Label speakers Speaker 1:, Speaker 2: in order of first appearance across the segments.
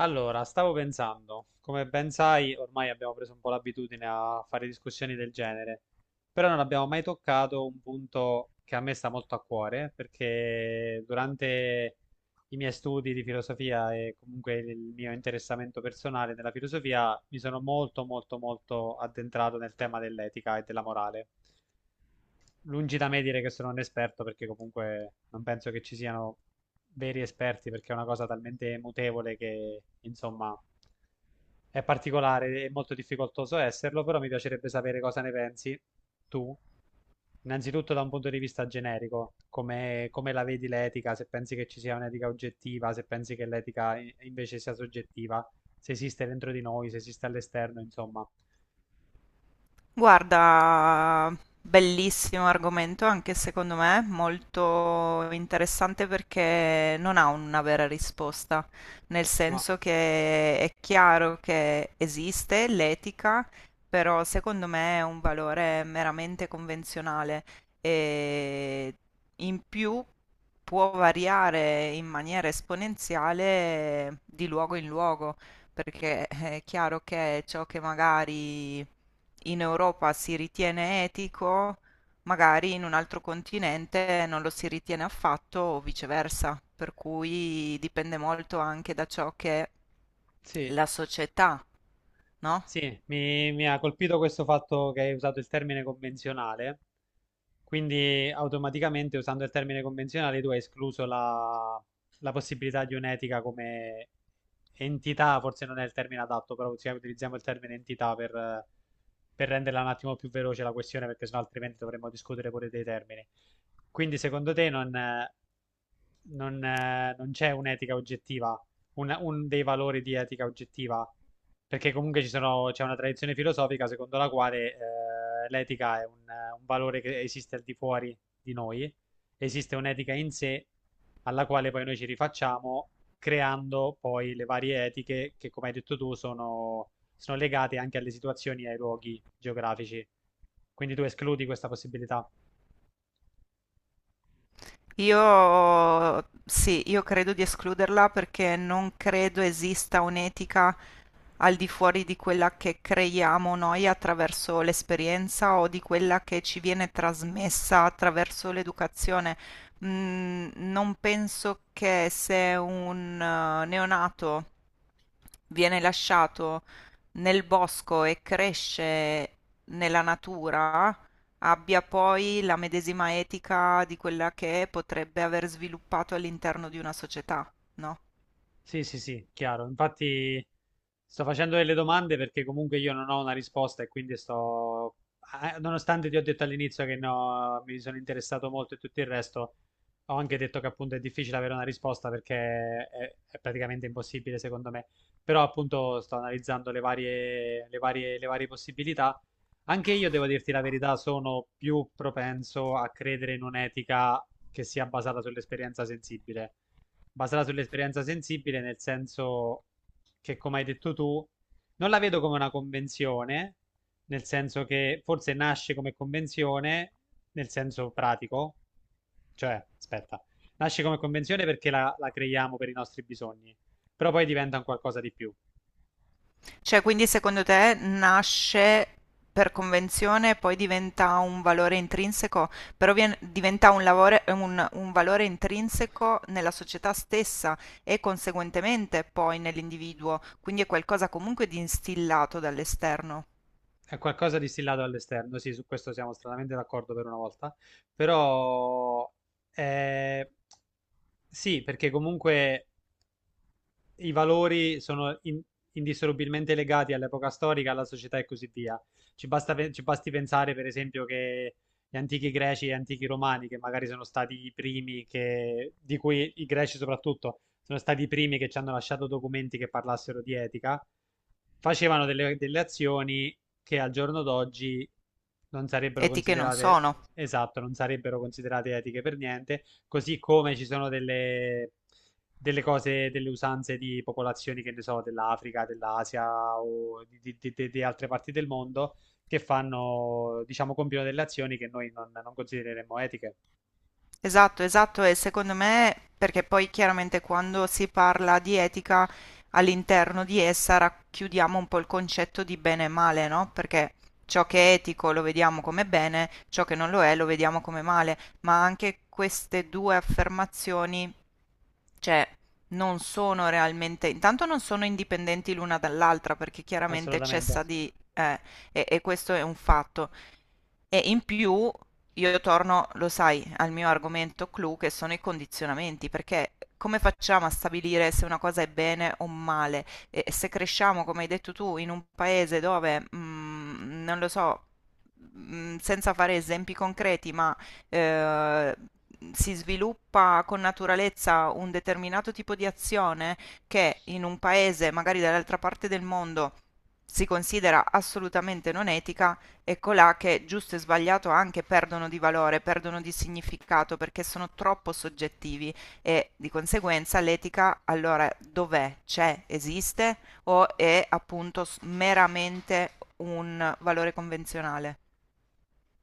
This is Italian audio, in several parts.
Speaker 1: Allora, stavo pensando, come ben sai, ormai abbiamo preso un po' l'abitudine a fare discussioni del genere, però non abbiamo mai toccato un punto che a me sta molto a cuore, perché durante i miei studi di filosofia e comunque il mio interessamento personale nella filosofia, mi sono molto, molto, molto addentrato nel tema dell'etica e della morale. Lungi da me dire che sono un esperto, perché comunque non penso che ci siano veri esperti, perché è una cosa talmente mutevole che, insomma, è particolare, è molto difficoltoso esserlo, però mi piacerebbe sapere cosa ne pensi tu, innanzitutto da un punto di vista generico, come la vedi l'etica, se pensi che ci sia un'etica oggettiva, se pensi che l'etica invece sia soggettiva, se esiste dentro di noi, se esiste all'esterno, insomma.
Speaker 2: Guarda, bellissimo argomento anche secondo me, molto interessante perché non ha una vera risposta, nel
Speaker 1: No.
Speaker 2: senso che è chiaro che esiste l'etica, però secondo me è un valore meramente convenzionale e in più può variare in maniera esponenziale di luogo in luogo, perché è chiaro che ciò che magari in Europa si ritiene etico, magari in un altro continente non lo si ritiene affatto o viceversa, per cui dipende molto anche da ciò che
Speaker 1: Sì.
Speaker 2: la società, no?
Speaker 1: Sì, mi ha colpito questo fatto che hai usato il termine convenzionale, quindi automaticamente usando il termine convenzionale tu hai escluso la possibilità di un'etica come entità, forse non è il termine adatto, però cioè, utilizziamo il termine entità per renderla un attimo più veloce la questione, perché sennò altrimenti dovremmo discutere pure dei termini. Quindi secondo te non c'è un'etica oggettiva, un dei valori di etica oggettiva? Perché comunque c'è una tradizione filosofica secondo la quale l'etica è un valore che esiste al di fuori di noi, esiste un'etica in sé alla quale poi noi ci rifacciamo creando poi le varie etiche che, come hai detto tu, sono legate anche alle situazioni e ai luoghi geografici. Quindi tu escludi questa possibilità.
Speaker 2: Io sì, io credo di escluderla perché non credo esista un'etica al di fuori di quella che creiamo noi attraverso l'esperienza o di quella che ci viene trasmessa attraverso l'educazione. Non penso che se un neonato viene lasciato nel bosco e cresce nella natura, abbia poi la medesima etica di quella che potrebbe aver sviluppato all'interno di una società, no?
Speaker 1: Sì, sì, sì, chiaro. Infatti sto facendo delle domande perché comunque io non ho una risposta e quindi sto, nonostante ti ho detto all'inizio che no, mi sono interessato molto e tutto il resto, ho anche detto che appunto è difficile avere una risposta perché è praticamente impossibile secondo me. Però appunto sto analizzando le varie possibilità. Anche io devo dirti la verità, sono più propenso a credere in un'etica che sia basata sull'esperienza sensibile, nel senso che, come hai detto tu, non la vedo come una convenzione, nel senso che forse nasce come convenzione, nel senso pratico, cioè, aspetta, nasce come convenzione perché la creiamo per i nostri bisogni, però poi diventa un qualcosa di più.
Speaker 2: Cioè, quindi secondo te nasce per convenzione e poi diventa un valore intrinseco, però diventa un valore intrinseco nella società stessa e conseguentemente poi nell'individuo, quindi è qualcosa comunque di instillato dall'esterno.
Speaker 1: È qualcosa distillato all'esterno, sì, su questo siamo stranamente d'accordo per una volta, però eh, sì, perché comunque i valori sono indissolubilmente legati all'epoca storica, alla società e così via. Ci basti pensare, per esempio, che gli antichi greci e gli antichi romani, che magari sono stati i primi che, di cui i greci soprattutto, sono stati i primi che ci hanno lasciato documenti che parlassero di etica, facevano delle azioni che al giorno d'oggi non sarebbero
Speaker 2: Etiche non
Speaker 1: considerate,
Speaker 2: sono.
Speaker 1: esatto, non sarebbero considerate etiche per niente, così come ci sono delle cose, delle usanze di popolazioni, che ne so, dell'Africa, dell'Asia o di altre parti del mondo che fanno, diciamo, compiono delle azioni che noi non considereremmo etiche,
Speaker 2: Esatto, esatto, e secondo me, perché poi chiaramente quando si parla di etica, all'interno di essa racchiudiamo un po' il concetto di bene e male, no? Perché ciò che è etico lo vediamo come bene, ciò che non lo è lo vediamo come male, ma anche queste due affermazioni, cioè, non sono realmente, intanto non sono indipendenti l'una dall'altra perché chiaramente
Speaker 1: assolutamente.
Speaker 2: cessa di e questo è un fatto. E in più io torno, lo sai, al mio argomento clou che sono i condizionamenti, perché come facciamo a stabilire se una cosa è bene o male? E se cresciamo, come hai detto tu, in un paese dove, mm, non lo so, mm, senza fare esempi concreti, ma eh, si sviluppa con naturalezza un determinato tipo di azione che in un paese, magari dall'altra parte del mondo, si considera assolutamente non etica, ecco là che giusto e sbagliato anche perdono di valore, perdono di significato perché sono troppo soggettivi e di conseguenza l'etica allora dov'è? C'è? Esiste? O è appunto meramente un valore convenzionale?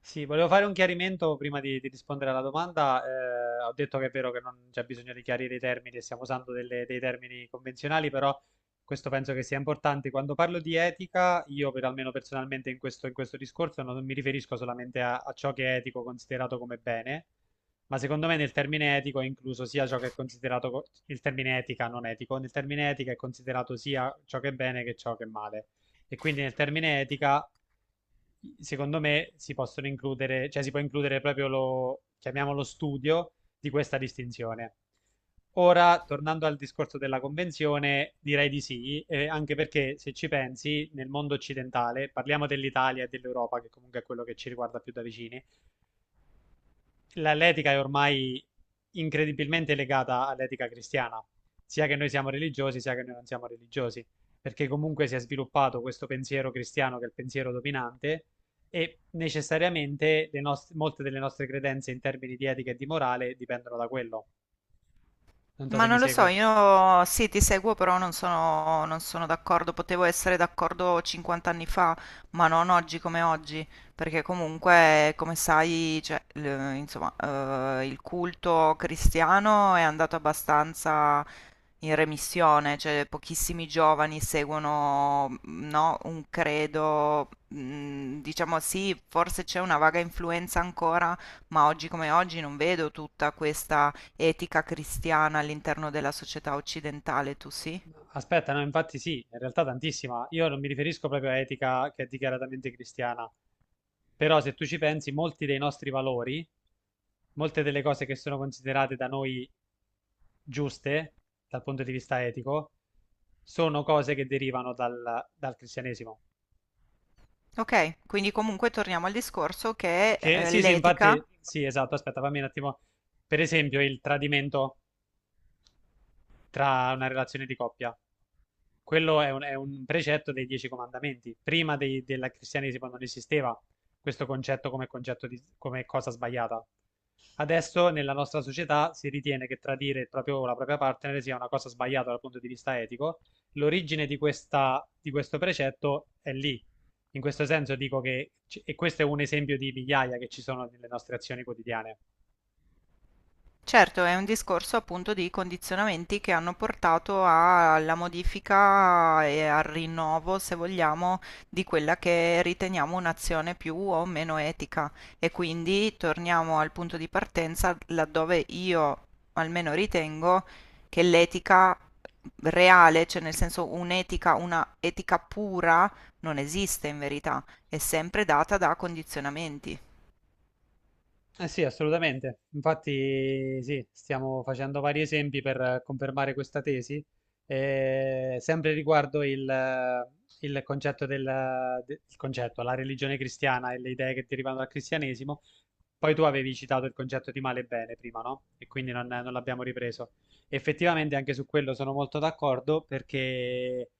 Speaker 1: Sì, volevo fare un chiarimento prima di rispondere alla domanda. Ho detto che è vero che non c'è bisogno di chiarire i termini, e stiamo usando dei termini convenzionali, però questo penso che sia importante. Quando parlo di etica, io per almeno personalmente in questo discorso non mi riferisco solamente a ciò che è etico considerato come bene, ma secondo me nel termine etico è incluso sia ciò che è considerato, il termine etica non etico, nel termine etica è considerato sia ciò che è bene che ciò che è male. E quindi nel termine etica secondo me si possono includere, cioè si può includere proprio lo, chiamiamolo studio di questa distinzione. Ora, tornando al discorso della convenzione, direi di sì, anche perché se ci pensi, nel mondo occidentale, parliamo dell'Italia e dell'Europa, che comunque è quello che ci riguarda più da vicini, l'etica è ormai incredibilmente legata all'etica cristiana, sia che noi siamo religiosi, sia che noi non siamo religiosi, perché comunque si è sviluppato questo pensiero cristiano che è il pensiero dominante e necessariamente le molte delle nostre credenze in termini di etica e di morale dipendono da quello. Non so
Speaker 2: Ma
Speaker 1: se mi
Speaker 2: non lo so,
Speaker 1: segui.
Speaker 2: io sì, ti seguo, però non sono d'accordo. Potevo essere d'accordo 50 anni fa, ma non oggi come oggi, perché comunque, come sai, cioè, insomma, il culto cristiano è andato abbastanza in remissione, cioè pochissimi giovani seguono, mm, no, un credo, mm, diciamo sì, forse c'è una vaga influenza ancora, ma oggi come oggi non vedo tutta questa etica cristiana all'interno della società occidentale, tu sì?
Speaker 1: Aspetta, no, infatti sì, in realtà tantissima. Io non mi riferisco proprio a etica che è dichiaratamente cristiana, però se tu ci pensi, molti dei nostri valori, molte delle cose che sono considerate da noi giuste dal punto di vista etico, sono cose che derivano dal cristianesimo.
Speaker 2: Ok, quindi comunque torniamo al discorso che
Speaker 1: Che sì, sì,
Speaker 2: l'etica.
Speaker 1: infatti, sì, esatto. Aspetta, fammi un attimo. Per esempio, il tradimento tra una relazione di coppia. Quello è un precetto dei Dieci Comandamenti. Prima del cristianesimo non esisteva questo concetto come concetto di, come cosa sbagliata. Adesso nella nostra società si ritiene che tradire la propria partner sia una cosa sbagliata dal punto di vista etico. L'origine di questo precetto è lì. In questo senso dico che, e questo è un esempio di migliaia che ci sono nelle nostre azioni quotidiane.
Speaker 2: Certo, è un discorso appunto di condizionamenti che hanno portato alla modifica e al rinnovo, se vogliamo, di quella che riteniamo un'azione più o meno etica. E quindi torniamo al punto di partenza laddove io almeno ritengo che l'etica reale, cioè nel senso un'etica, una etica pura, non esiste in verità, è sempre data da condizionamenti.
Speaker 1: Eh sì, assolutamente. Infatti, sì, stiamo facendo vari esempi per confermare questa tesi, sempre riguardo il concetto, la religione cristiana e le idee che derivano dal cristianesimo. Poi tu avevi citato il concetto di male e bene prima, no? E quindi non l'abbiamo ripreso. Effettivamente anche su quello sono molto d'accordo perché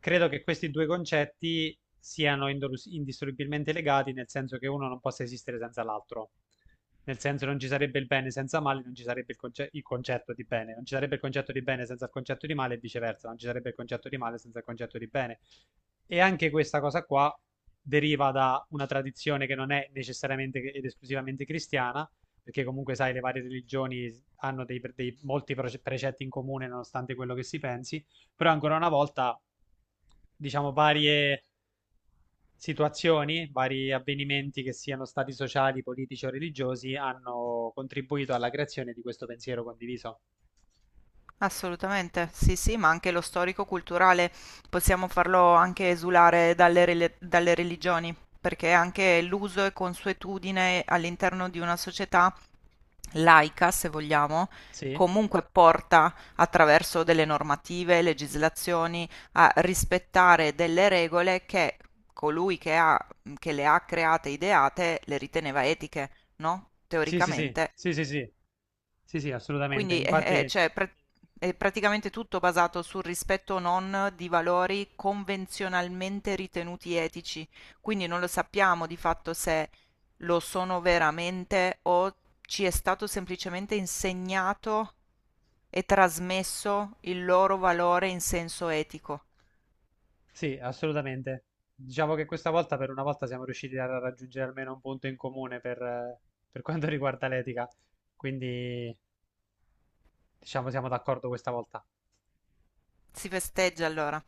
Speaker 1: credo che questi due concetti siano indissolubilmente legati, nel senso che uno non possa esistere senza l'altro. Nel senso non ci sarebbe il bene senza male, non ci sarebbe il concetto di bene, non ci sarebbe il concetto di bene senza il concetto di male e viceversa, non ci sarebbe il concetto di male senza il concetto di bene. E anche questa cosa qua deriva da una tradizione che non è necessariamente ed esclusivamente cristiana, perché comunque sai, le varie religioni hanno dei molti precetti in comune nonostante quello che si pensi, però ancora una volta, diciamo, varie situazioni, vari avvenimenti che siano stati sociali, politici o religiosi, hanno contribuito alla creazione di questo pensiero condiviso.
Speaker 2: Assolutamente, sì, sì, ma anche lo storico-culturale possiamo farlo anche esulare dalle, dalle religioni, perché anche l'uso e consuetudine all'interno di una società laica, se vogliamo,
Speaker 1: Sì?
Speaker 2: comunque porta attraverso delle normative, legislazioni a rispettare delle regole che colui che ha- che le ha create, ideate, le riteneva etiche, no?
Speaker 1: Sì, sì, sì,
Speaker 2: Teoricamente.
Speaker 1: sì, sì, sì, sì, sì, assolutamente.
Speaker 2: Quindi
Speaker 1: Infatti,
Speaker 2: cioè, è praticamente tutto basato sul rispetto o non di valori convenzionalmente ritenuti etici, quindi non lo sappiamo di fatto se lo sono veramente o ci è stato semplicemente insegnato e trasmesso il loro valore in senso etico.
Speaker 1: sì, assolutamente. Diciamo che questa volta, per una volta, siamo riusciti a raggiungere almeno un punto in comune per quanto riguarda l'etica. Quindi, diciamo, siamo d'accordo questa volta.
Speaker 2: Si festeggia allora.